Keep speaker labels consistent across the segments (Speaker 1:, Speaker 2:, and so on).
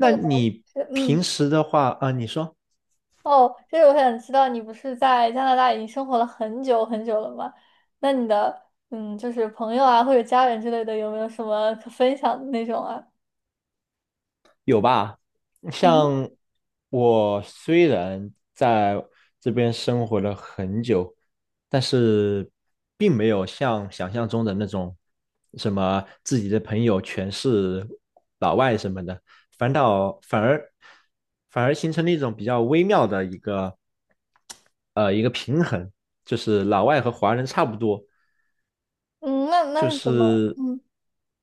Speaker 1: 他的
Speaker 2: 你
Speaker 1: 是
Speaker 2: 平时的话啊，你说
Speaker 1: 哦，就是我想知道，你不是在加拿大已经生活了很久很久了吗？那你的就是朋友啊或者家人之类的，有没有什么可分享的那种啊？
Speaker 2: 有吧？
Speaker 1: 嗯。
Speaker 2: 像我虽然在这边生活了很久，但是并没有像想象中的那种什么自己的朋友全是老外什么的，反倒反而反而形成了一种比较微妙的一个平衡，就是老外和华人差不多，
Speaker 1: 嗯。那
Speaker 2: 就
Speaker 1: 是怎么？
Speaker 2: 是
Speaker 1: 嗯。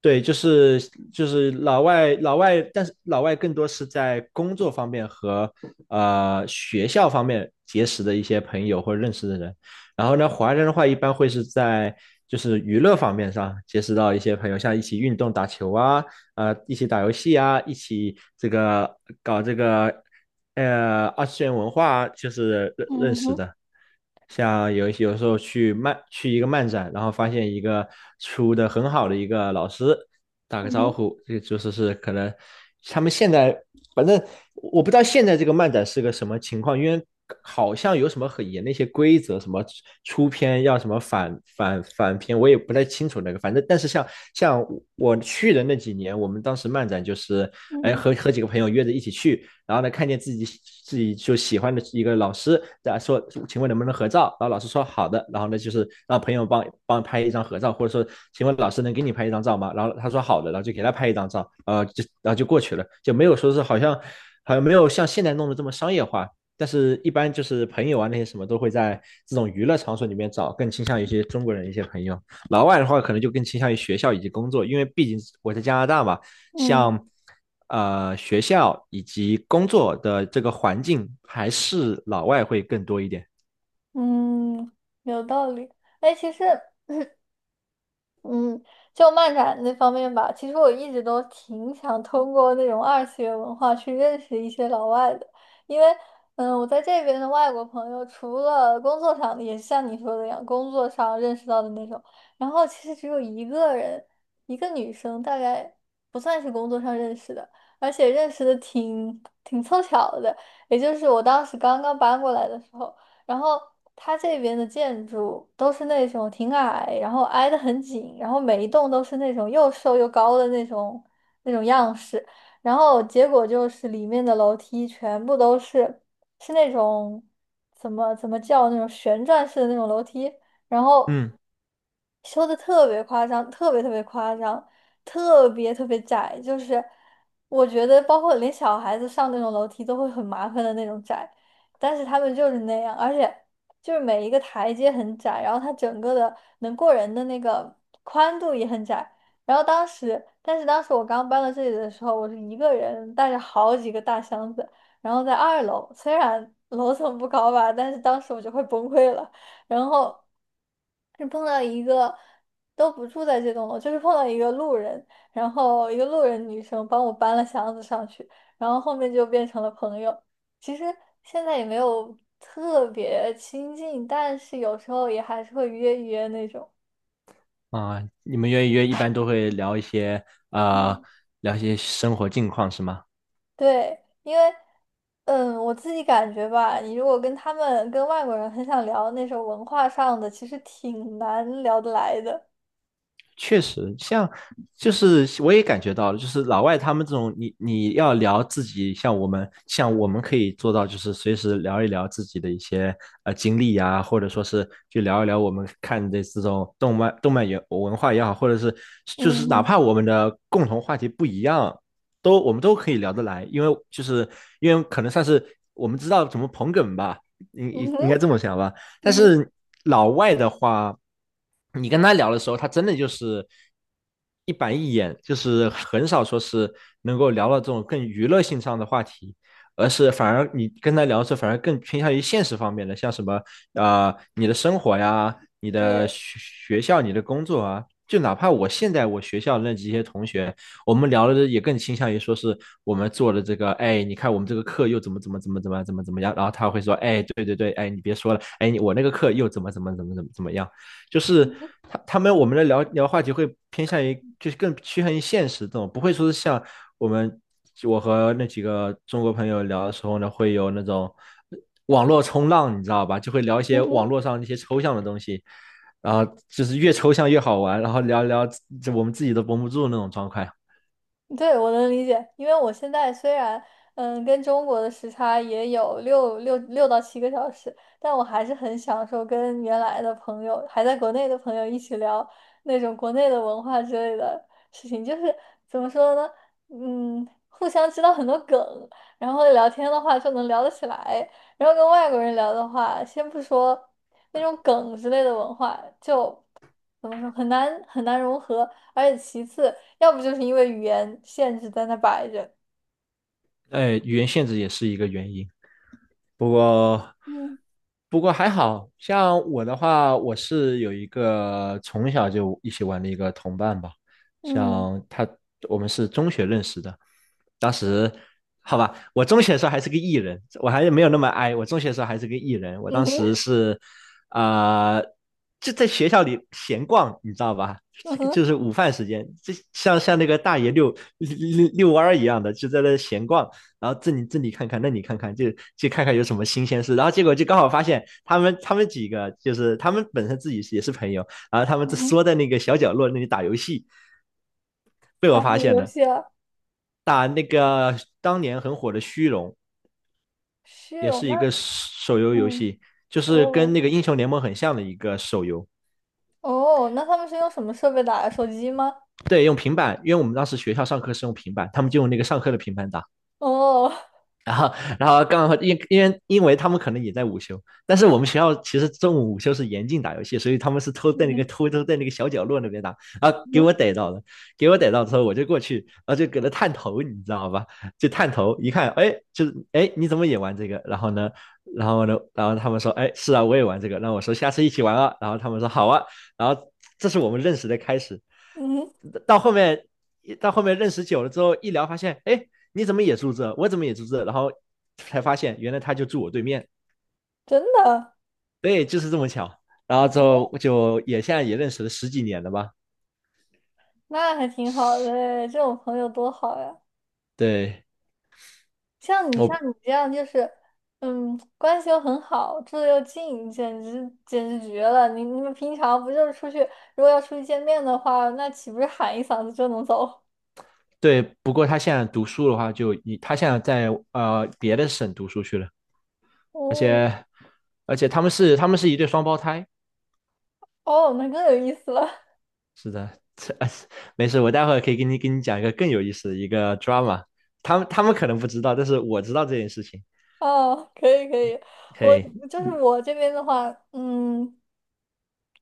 Speaker 2: 对，就是老外，但是老外更多是在工作方面和学校方面结识的一些朋友或者认识的人。然后呢，华人的话一般会是在娱乐方面上结识到一些朋友，像一起运动、打球啊，一起打游戏啊，一起这个搞这个二次元文化啊就是认认
Speaker 1: 嗯
Speaker 2: 识
Speaker 1: 哼。
Speaker 2: 的。像有一些有时候去一个漫展，然后发现一个出的很好的一个老师，打个
Speaker 1: 嗯
Speaker 2: 招
Speaker 1: 哼。
Speaker 2: 呼，这个就是可能他们现在反正我不知道现在这个漫展是个什么情况，因为好像有什么很严的一些规则，什么出片要什么反片，我也不太清楚那个，反正但是像像我去的那几年，我们当时漫展就是哎
Speaker 1: 嗯。
Speaker 2: 和几个朋友约着一起去。然后呢，看见自己就喜欢的一个老师，在说，请问能不能合照？然后老师说好的，然后呢，就是让朋友帮拍一张合照，或者说，请问老师能给你拍一张照吗？然后他说好的，然后就给他拍一张照，就然后就过去了，就没有说是好像没有像现在弄得这么商业化。但是，一般就是朋友啊，那些什么都会在这种娱乐场所里面找，更倾向于一些中国人一些朋友。老外的话，可能就更倾向于学校以及工作，因为毕竟我在加拿大嘛，
Speaker 1: 嗯。
Speaker 2: 像学校以及工作的这个环境，还是老外会更多一点。
Speaker 1: 嗯。有道理。哎，其实嗯，就漫展那方面吧，其实我一直都挺想通过那种二次元文化去认识一些老外的。因为，我在这边的外国朋友，除了工作上的，也是像你说的一样，工作上认识到的那种。然后其实只有一个人，一个女生，大概不算是工作上认识的，而且认识的挺凑巧的，也就是我当时刚刚搬过来的时候。然后它这边的建筑都是那种挺矮，然后挨得很紧，然后每一栋都是那种又瘦又高的那种样式。然后结果就是里面的楼梯全部都是是那种怎么叫那种旋转式的那种楼梯，然后
Speaker 2: 嗯
Speaker 1: 修的特别夸张，特别特别夸张，特别特别窄，就是我觉得包括连小孩子上那种楼梯都会很麻烦的那种窄。但是他们就是那样，而且就是每一个台阶很窄，然后它整个的能过人的那个宽度也很窄。然后当时，但是当时我刚搬到这里的时候，我是一个人带着好几个大箱子，然后在2楼，虽然 楼层不高吧，但是当时我就快崩溃了。然后是碰到一个都不住在这栋楼，就是碰到一个路人，然后一个路人女生帮我搬了箱子上去，然后后面就变成了朋友。其实现在也没有特别亲近，但是有时候也还是会约一约那种。
Speaker 2: 你们约一约一般都会聊一些呃
Speaker 1: 嗯。
Speaker 2: 生活近况是吗？
Speaker 1: 对，因为，我自己感觉吧，你如果跟他们跟外国人很想聊那种文化上的，其实挺难聊得来的。
Speaker 2: 确实，像就是我也感觉到了，就是老外他们这种，你要聊自己，像我们可以做到，就是随时聊一聊自己的一些经历呀、或者说是去聊一聊我们看的这种动漫也文化也好，或者是就
Speaker 1: 嗯
Speaker 2: 是哪
Speaker 1: 哼。
Speaker 2: 怕我们的共同话题不一样，都我们都可以聊得来，因为可能算是我们知道怎么捧哏吧，应
Speaker 1: 嗯
Speaker 2: 应应该
Speaker 1: 哼。
Speaker 2: 这么想吧。
Speaker 1: 嗯
Speaker 2: 但
Speaker 1: 哼。
Speaker 2: 是老外的话，你跟他聊的时候，他真的就是一板一眼，就是很少说是能够聊到这种更娱乐性上的话题，而是反而你跟他聊的时候，反而更偏向于现实方面的，像什么你的生活呀、你的
Speaker 1: 对。
Speaker 2: 学校、你的工作啊，就哪怕我现在我学校那几些同学。我们聊的也更倾向于说是我们做的这个，哎，你看我们这个课又怎么怎么怎么怎么怎么怎么样，然后他会说，哎，对对对，哎，你别说了，哎，我那个课又怎么怎么怎么怎么怎么样，就是
Speaker 1: 嗯哼。
Speaker 2: 他们我们的话题会偏向于就是更趋向于现实这种，不会说是像我们我和那几个中国朋友聊的时候呢，会有那种。网络冲浪，你知道吧？就会聊一些
Speaker 1: 嗯
Speaker 2: 网
Speaker 1: 哼。
Speaker 2: 络上那些抽象的东西，然后就是越抽象越好玩，然后聊聊这我们自己都绷不住那种状态。
Speaker 1: 对，我能理解，因为我现在虽然跟中国的时差也有六到七个小时，但我还是很享受跟原来的朋友，还在国内的朋友一起聊那种国内的文化之类的事情。就是怎么说呢，互相知道很多梗，然后聊天的话就能聊得起来。然后跟外国人聊的话，先不说那种梗之类的文化，就怎么说很难很难融合。而且其次，要不就是因为语言限制在那摆着。
Speaker 2: 哎，语言限制也是一个原因。不过，
Speaker 1: 嗯。
Speaker 2: 还好像我的话，我是有一个从小就一起玩的一个同伴吧，
Speaker 1: 嗯。
Speaker 2: 像他，我们是中学认识的，当时好吧，我中学的时候还是个艺人，我还是没有那么哀。我中学的时候还是个艺人，我当
Speaker 1: 嗯哼。
Speaker 2: 时是啊、呃就在学校里闲逛，你知道吧？
Speaker 1: 嗯哼。
Speaker 2: 就是午饭时间，就像那个大爷遛遛弯儿一样的，就在那闲逛，然后这里看看，那里看看，就看看有什么新鲜事。然后结果就刚好发现他们几个就是他们本身自己也是朋友，然后他们就
Speaker 1: 嗯哼。
Speaker 2: 缩在那个小角落那里打游戏，被
Speaker 1: 打
Speaker 2: 我
Speaker 1: 火
Speaker 2: 发现
Speaker 1: 游
Speaker 2: 了。
Speaker 1: 戏啊。
Speaker 2: 打那个当年很火的虚荣，
Speaker 1: 是
Speaker 2: 也
Speaker 1: 哦，
Speaker 2: 是
Speaker 1: 那
Speaker 2: 一个手游游
Speaker 1: 嗯，
Speaker 2: 戏，就是跟
Speaker 1: 哦。
Speaker 2: 那个英雄联盟很像的一个手游。
Speaker 1: 哦，那他们是用什么设备打的？手机吗？
Speaker 2: 对，用平板，因为我们当时学校上课是用平板，他们就用那个上课的平板打。
Speaker 1: 哦。
Speaker 2: 然后刚好因为他们可能也在午休，但是我们学校其实中午午休是严禁打游戏，所以他们是偷
Speaker 1: 嗯
Speaker 2: 在那个
Speaker 1: 哼。
Speaker 2: 偷偷在那个小角落那边打，然后
Speaker 1: 嗯
Speaker 2: 给我
Speaker 1: 哼。
Speaker 2: 逮到了，给我逮到之后我就过去，然后就给他探头，你知道吧？就探头一看，哎，就是哎你怎么也玩这个？然后呢，然后他们说，哎是啊我也玩这个，那我说下次一起玩啊，然后他们说好啊，然后这是我们认识的开始，
Speaker 1: 嗯哼。
Speaker 2: 到后面。到后面认识久了之后，一聊发现，哎，你怎么也住这？我怎么也住这？然后才发现原来他就住我对面，
Speaker 1: 真的。
Speaker 2: 对，就是这么巧。然后之后就也现在也认识了十几年了吧？
Speaker 1: 那还挺好的诶，这种朋友多好呀。
Speaker 2: 对，
Speaker 1: 像你像
Speaker 2: 我
Speaker 1: 你这样就是，嗯，关系又很好，住的又近，简直绝了！你们平常不就是出去，如果要出去见面的话，那岂不是喊一嗓子就能走？
Speaker 2: 对，不过他现在读书的话就，以他现在在别的省读书去了，
Speaker 1: 哦。
Speaker 2: 而且他们是一对双胞胎，
Speaker 1: 哦，那更有意思了。
Speaker 2: 是的，这没事，我待会儿可以给你讲一个更有意思的一个 drama，他们可能不知道，但是我知道这件事情。
Speaker 1: 哦，可以可以。我
Speaker 2: 嘿，
Speaker 1: 就是我这边的话，嗯。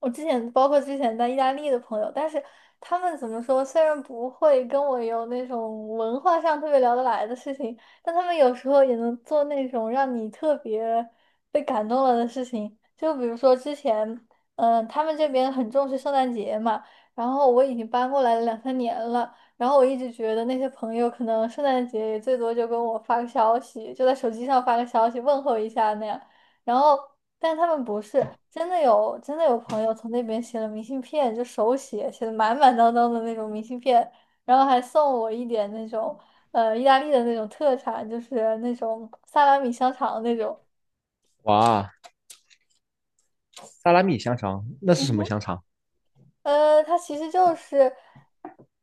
Speaker 1: 我之前包括之前在意大利的朋友，但是他们怎么说，虽然不会跟我有那种文化上特别聊得来的事情，但他们有时候也能做那种让你特别被感动了的事情。就比如说之前，他们这边很重视圣诞节嘛，然后我已经搬过来了2、3年了，然后我一直觉得那些朋友可能圣诞节也最多就跟我发个消息，就在手机上发个消息问候一下那样。然后，但他们不是真的有朋友从那边写了明信片，就手写写的满满当当的那种明信片，然后还送我一点那种意大利的那种特产，就是那种萨拉米香肠那种。
Speaker 2: 哇，萨拉米香肠，那是什么 香肠？
Speaker 1: 呃，它其实就是，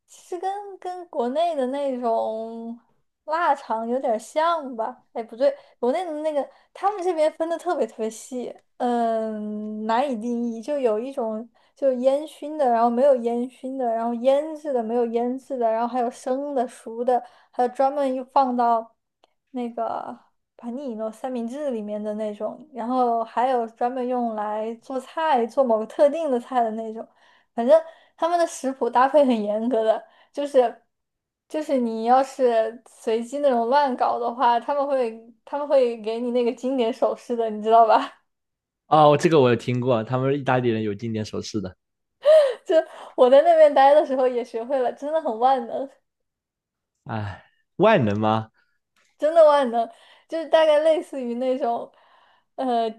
Speaker 1: 其实跟国内的那种腊肠有点像吧？哎，不对，国内的那个他们这边分的特别特别细，嗯，难以定义。就有一种就烟熏的，然后没有烟熏的，然后腌制的没有腌制的，然后还有生的、熟的，还有专门又放到那个盘尼诺三明治里面的那种，然后还有专门用来做菜、做某个特定的菜的那种。反正他们的食谱搭配很严格的，就是就是你要是随机那种乱搞的话，他们会给你那个经典手势的，你知道吧？
Speaker 2: 哦，这个我有听过，他们意大利人有经典手势的。
Speaker 1: 就我在那边待的时候也学会了，真的很万能，
Speaker 2: 哎，万能吗？
Speaker 1: 真的万能，就是大概类似于那种呃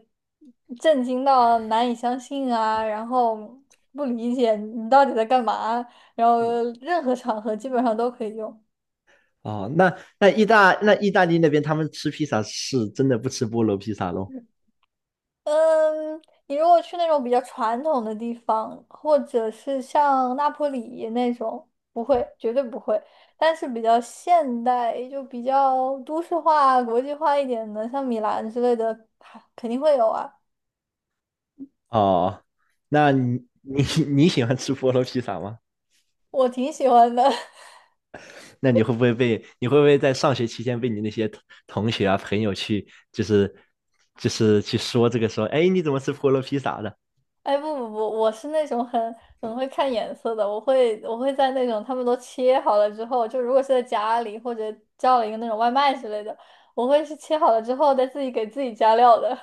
Speaker 1: 震惊到难以相信啊，然后不理解你到底在干嘛，然后
Speaker 2: 嗯，
Speaker 1: 任何场合基本上都可以用。
Speaker 2: 哦，那意大利那边他们吃披萨是真的不吃菠萝披萨咯？
Speaker 1: 嗯，你如果去那种比较传统的地方，或者是像那不里那种，不会，绝对不会。但是比较现代，就比较都市化、国际化一点的，像米兰之类的，还肯定会有啊。
Speaker 2: 哦，那你喜欢吃菠萝披萨吗？
Speaker 1: 我挺喜欢的。
Speaker 2: 那你会不会在上学期间被你那些同学啊朋友去就是去说这个说，哎，你怎么吃菠萝披萨的？
Speaker 1: 哎，不不不，我是那种很很会看颜色的，我会在那种他们都切好了之后，就如果是在家里或者叫了一个那种外卖之类的，我会是切好了之后再自己给自己加料的。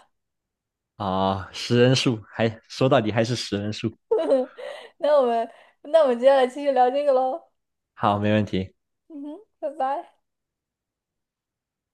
Speaker 2: 哦，食人树，还说到底还是食人树。
Speaker 1: 那我们接下来继续聊这个喽。
Speaker 2: 好，没问题。
Speaker 1: 嗯哼，拜拜。